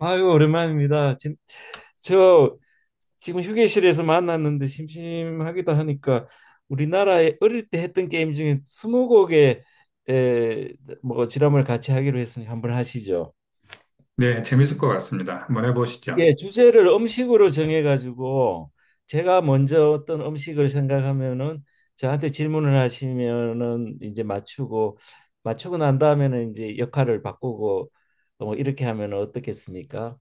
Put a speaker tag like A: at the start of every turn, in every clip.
A: 아유, 오랜만입니다. 진, 저 지금 휴게실에서 만났는데 심심하기도 하니까 우리나라에 어릴 때 했던 게임 중에 스무고개 에, 뭐 지람을 같이 하기로 했으니 한번 하시죠.
B: 네, 재밌을 것 같습니다. 한번 해보시죠.
A: 예, 주제를 음식으로 정해가지고 제가 먼저 어떤 음식을 생각하면은 저한테 질문을 하시면은 이제 맞추고, 맞추고 난 다음에는 이제 역할을 바꾸고 뭐 이렇게 하면 어떻겠습니까?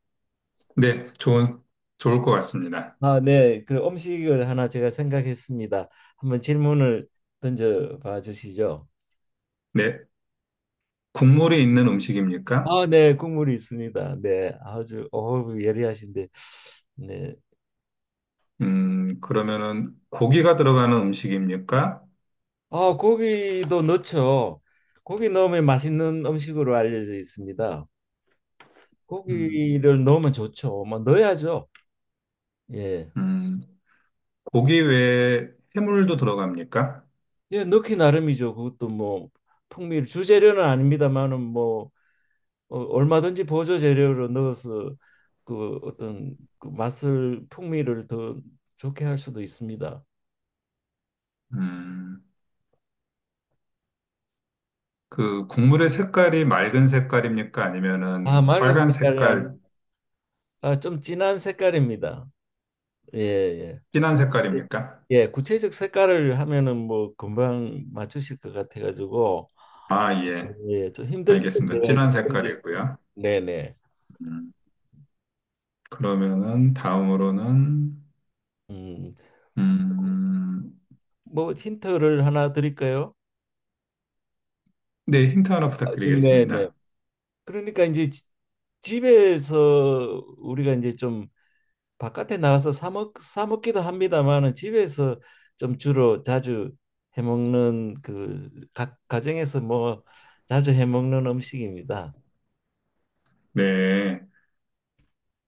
B: 네, 좋을 것 같습니다.
A: 아, 네. 그 음식을 하나 제가 생각했습니다. 한번 질문을 던져 봐 주시죠.
B: 네, 국물이 있는 음식입니까?
A: 아, 네. 국물이 있습니다. 네. 아주 어우 예리하신데. 네.
B: 그러면은 고기가 들어가는 음식입니까?
A: 아, 고기도 넣죠. 고기 넣으면 맛있는 음식으로 알려져 있습니다.
B: 음,
A: 고기를 넣으면 좋죠. 뭐 넣어야죠. 예.
B: 음, 고기 외에 해물도 들어갑니까?
A: 예, 넣기 나름이죠. 그것도 뭐 풍미를 주재료는 아닙니다만은 뭐 얼마든지 보조 재료를 넣어서 그 어떤 그 맛을 풍미를 더 좋게 할 수도 있습니다.
B: 음, 그 국물의 색깔이 맑은 색깔입니까?
A: 아,
B: 아니면은
A: 맑은
B: 빨간
A: 색깔이
B: 색깔,
A: 아니, 아, 좀 진한 색깔입니다. 예, 예.
B: 진한
A: 예,
B: 색깔입니까?
A: 예, 구체적 색깔을 하면은 뭐 금방 맞추실 것 같아가지고
B: 아, 예,
A: 예, 좀 힘들 때
B: 알겠습니다.
A: 제가
B: 진한
A: 결정적-
B: 색깔이고요.
A: 네네.
B: 음, 그러면은 다음으로는
A: 음,
B: 음,
A: 뭐 힌트를 하나 드릴까요?
B: 네, 힌트 하나
A: 아, 네네.
B: 부탁드리겠습니다.
A: 그러니까 이제 집에서 우리가 이제 좀 바깥에 나가서 사 먹기도 합니다만은 집에서 좀 주로 자주 해 먹는 그 가정에서 뭐 자주 해 먹는 음식입니다.
B: 네.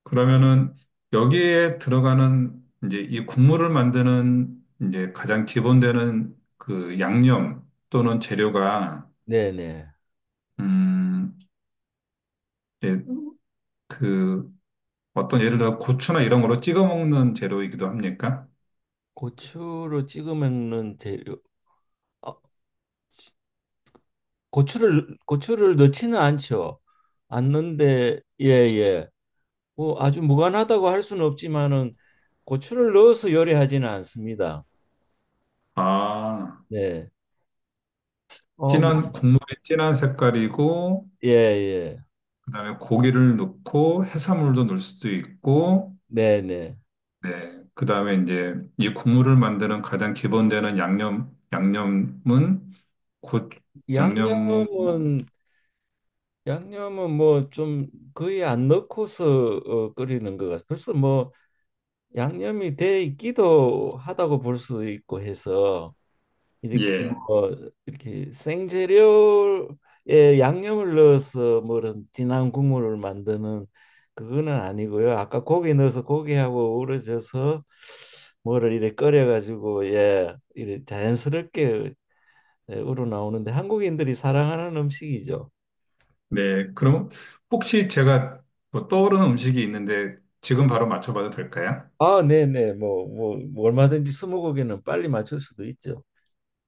B: 그러면은 여기에 들어가는 이제 이 국물을 만드는 이제 가장 기본되는 그 양념 또는 재료가
A: 네네.
B: 음, 이제 그 어떤 예를 들어 고추나 이런 거로 찍어 먹는 재료이기도 합니까?
A: 고추로 찍어 먹는 재료. 어, 고추를 넣지는 않죠. 않는데 예 예. 뭐 아주 무관하다고 할 수는 없지만은 고추를 넣어서 요리하지는 않습니다.
B: 아,
A: 네. 어, 뭐,
B: 진한 국물이 진한 색깔이고
A: 예, 예.
B: 그다음에 고기를 넣고 해산물도 넣을 수도 있고
A: 네, 네.
B: 네. 그 다음에 이제 이 국물을 만드는 가장 기본되는 양념, 양념은 곧 양념,
A: 양념은 양념은 뭐 좀 거의 안 넣고서 끓이는 것 같아요. 벌써 뭐 양념이 돼 있기도 하다고 볼 수 있고 해서 이렇게
B: 예.
A: 뭐 이렇게 생재료에 양념을 넣어서 뭐 이런 진한 국물을 만드는 그거는 아니고요. 아까 고기 넣어서 고기하고 우러져서 뭐를 이렇게 끓여가지고 예, 이렇게 자연스럽게 예, 우러나오는데 한국인들이 사랑하는 음식이죠.
B: 네. 그럼 혹시 제가 뭐 떠오르는 음식이 있는데 지금 바로 맞춰봐도 될까요?
A: 아, 네네. 뭐 얼마든지 스무고개는 빨리 맞출 수도 있죠.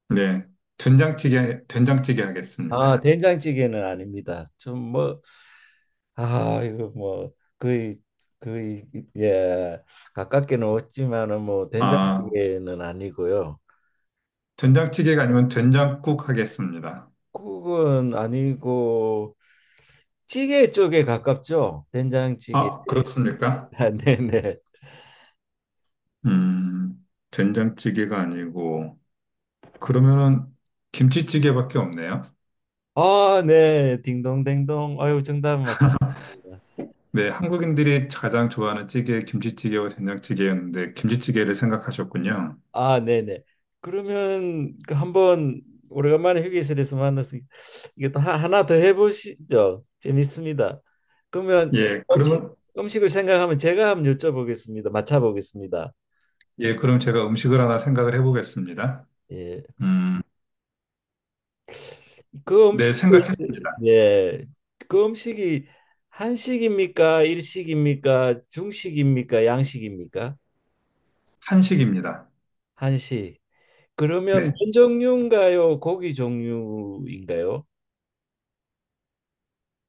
B: 네. 된장찌개, 된장찌개
A: 아,
B: 하겠습니다.
A: 된장찌개는 아닙니다. 좀 뭐, 아, 이거 뭐 거의, 거의 예 가깝게는 없지만은 뭐
B: 아,
A: 된장찌개는 아니고요.
B: 된장찌개가 아니면 된장국 하겠습니다.
A: 국은 아니고 찌개 쪽에 가깝죠. 된장찌개.
B: 아, 그렇습니까?
A: 아, 네네.
B: 음, 된장찌개가 아니고, 그러면은 김치찌개밖에 없네요.
A: 아, 네. 딩동댕동. 아유, 정답 맞습니다.
B: 네, 한국인들이 가장 좋아하는 찌개 김치찌개와 된장찌개였는데 김치찌개를 생각하셨군요.
A: 아, 네네. 그러면 그 한번 오래간만에 휴게실에서 만나서 이게 또 하나 더 해보시죠. 재밌습니다. 그러면
B: 예,
A: 음식
B: 그러면
A: 음식을 생각하면 제가 한번 여쭤보겠습니다. 맞춰보겠습니다.
B: 예, 그럼 제가 음식을 하나 생각을 해보겠습니다.
A: 예,
B: 음,
A: 그
B: 네,
A: 음식이
B: 생각했습니다.
A: 예, 그 음식이 한식입니까? 일식입니까? 중식입니까? 양식입니까?
B: 한식입니다.
A: 한식. 그러면 면
B: 네,
A: 종류인가요? 고기 종류인가요?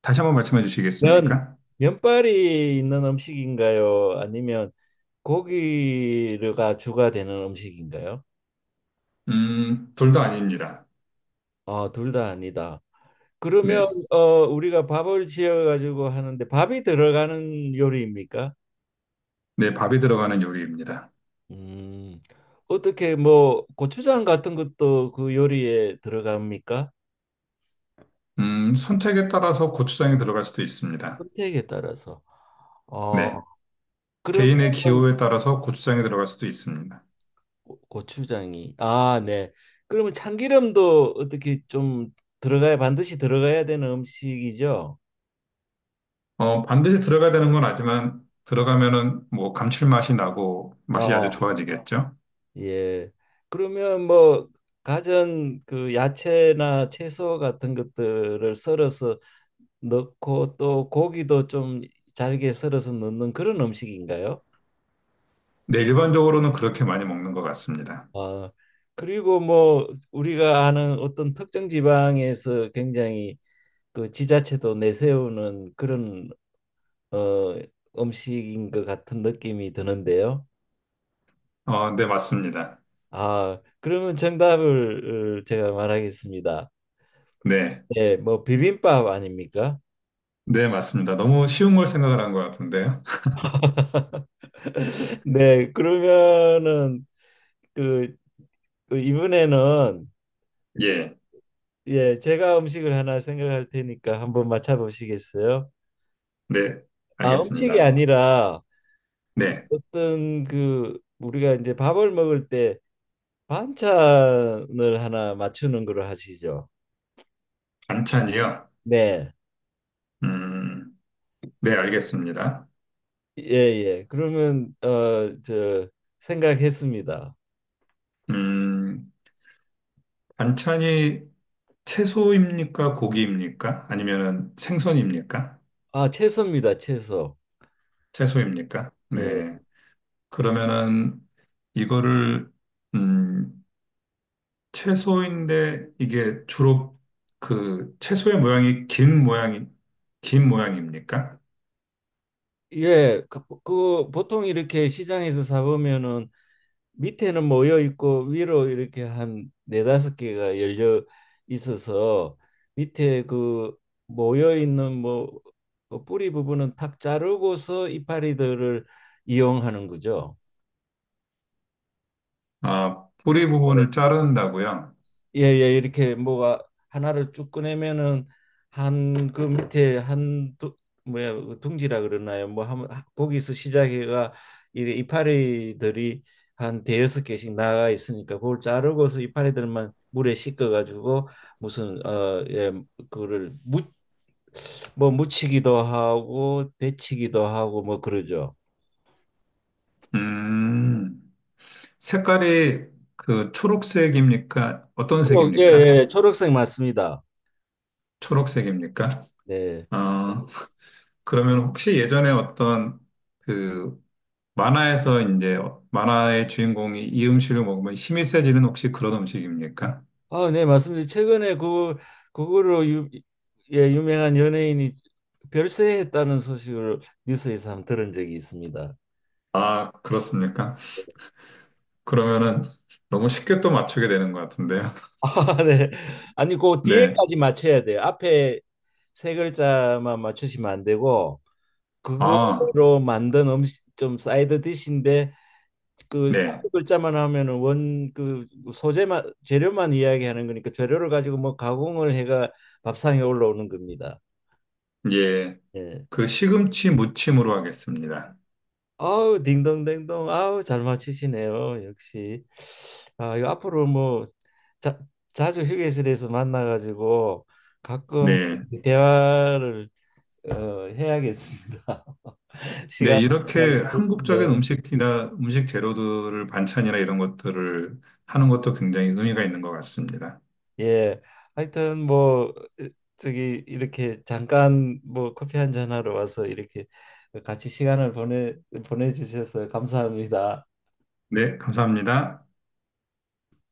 B: 다시 한번 말씀해
A: 면,
B: 주시겠습니까?
A: 면발이 있는 음식인가요? 아니면 고기가 주가 되는 음식인가요?
B: 둘도 아닙니다.
A: 아, 둘 다 아니다. 그러면
B: 네,
A: 어, 우리가 밥을 지어 가지고 하는데 밥이 들어가는 요리입니까?
B: 네, 밥이 들어가는 요리입니다.
A: 음, 어떻게 뭐 고추장 같은 것도 그 요리에 들어갑니까?
B: 선택에 따라서 고추장이 들어갈 수도 있습니다.
A: 선택에 따라서. 어,
B: 네,
A: 그러면
B: 개인의 기호에 따라서 고추장이 들어갈 수도 있습니다.
A: 고추장이 아, 네. 그러면 참기름도 어떻게 좀 들어가야, 반드시 들어가야 되는 음식이죠?
B: 어, 반드시 들어가야 되는 건 아니지만 들어가면은 뭐 감칠맛이 나고 맛이
A: 아,
B: 아주 좋아지겠죠.
A: 예. 그러면 뭐 가전 그 야채나 채소 같은 것들을 썰어서 넣고 또 고기도 좀 잘게 썰어서 넣는 그런 음식인가요?
B: 네, 일반적으로는 그렇게 많이 먹는 것 같습니다.
A: 아, 그리고 뭐 우리가 아는 어떤 특정 지방에서 굉장히 그 지자체도 내세우는 그런 어, 음식인 것 같은 느낌이 드는데요.
B: 어, 네, 맞습니다.
A: 아, 그러면 정답을 제가 말하겠습니다.
B: 네,
A: 네, 뭐 비빔밥 아닙니까?
B: 네, 맞습니다. 너무 쉬운 걸 생각을 한 것 같은데요.
A: 네, 그러면은 그, 이번에는
B: 예,
A: 예, 제가 음식을 하나 생각할 테니까 한번 맞춰보시겠어요?
B: 네,
A: 아, 음식이
B: 알겠습니다.
A: 아니라 그
B: 네,
A: 어떤 그 우리가 이제 밥을 먹을 때 반찬을 하나 맞추는 걸로 하시죠.
B: 반찬이요.
A: 네.
B: 음, 네, 알겠습니다.
A: 예예. 그러면 저 생각했습니다.
B: 음, 반찬이 채소입니까? 고기입니까? 아니면은 생선입니까?
A: 아 채소입니다. 채소.
B: 채소입니까?
A: 예.
B: 네. 그러면은 이거를 음, 채소인데 이게 주로 그 채소의 모양이 긴 모양입니까?
A: 예. 그 보통 이렇게 시장에서 사 보면은 밑에는 모여 있고 위로 이렇게 한 네다섯 개가 열려 있어서 밑에 그 모여 있는 뭐그 뿌리 부분은 탁 자르고서 이파리들을 이용하는 거죠.
B: 아, 뿌리 부분을 자른다고요?
A: 예예, 이렇게 뭐가 하나를 쭉 꺼내면은 한 그 밑에 한 두, 뭐야 그 둥지라 그러나요? 뭐 한, 거기서 시작해가 이래 이파리들이 한 대여섯 개씩 나가 있으니까 그걸 자르고서 이파리들만 물에 씻겨 가지고 무슨 어예 그거를 무뭐 묻히기도 하고 데치기도 하고 뭐 그러죠.
B: 음, 색깔이 그 초록색입니까? 어떤
A: 예,
B: 색입니까?
A: 예, 초록색 맞습니다.
B: 초록색입니까?
A: 네.
B: 어, 그러면 혹시 예전에 어떤 그 만화에서 이제 만화의 주인공이 이 음식을 먹으면 힘이 세지는 혹시 그런 음식입니까?
A: 아, 네, 맞습니다. 최근에 그 그거로 예, 유명한 연예인이 별세했다는 소식을 뉴스에서 한번 들은 적이 있습니다.
B: 아, 그렇습니까? 그러면은 너무 쉽게 또 맞추게 되는 것 같은데요.
A: 아, 네. 아니, 그
B: 네.
A: 뒤에까지 맞춰야 돼요. 앞에 세 글자만 맞추시면 안 되고
B: 아,
A: 그거로 만든 음식 좀 사이드 디시인데 그
B: 네.
A: 앞에 글자만 하면은 원 그 소재만 재료만 이야기하는 거니까 재료를 가지고 뭐 가공을 해가 밥상에 올라오는 겁니다.
B: 예.
A: 예.
B: 그 시금치 무침으로 하겠습니다.
A: 아우, 딩동댕동. 아우, 잘 맞히시네요, 역시. 아 이거 앞으로 뭐 자, 자주 휴게실에서 만나가지고 가끔
B: 네.
A: 대화를 해야겠습니다.
B: 네,
A: 시간 가지고
B: 이렇게 한국적인
A: 좋겠네요.
B: 음식이나 음식 재료들을 반찬이나 이런 것들을 하는 것도 굉장히 의미가 있는 것 같습니다.
A: 예, 하여튼 뭐 저기 이렇게 잠깐 뭐 커피 한 잔 하러 와서 이렇게 같이 시간을 보내주셔서 감사합니다.
B: 네, 감사합니다.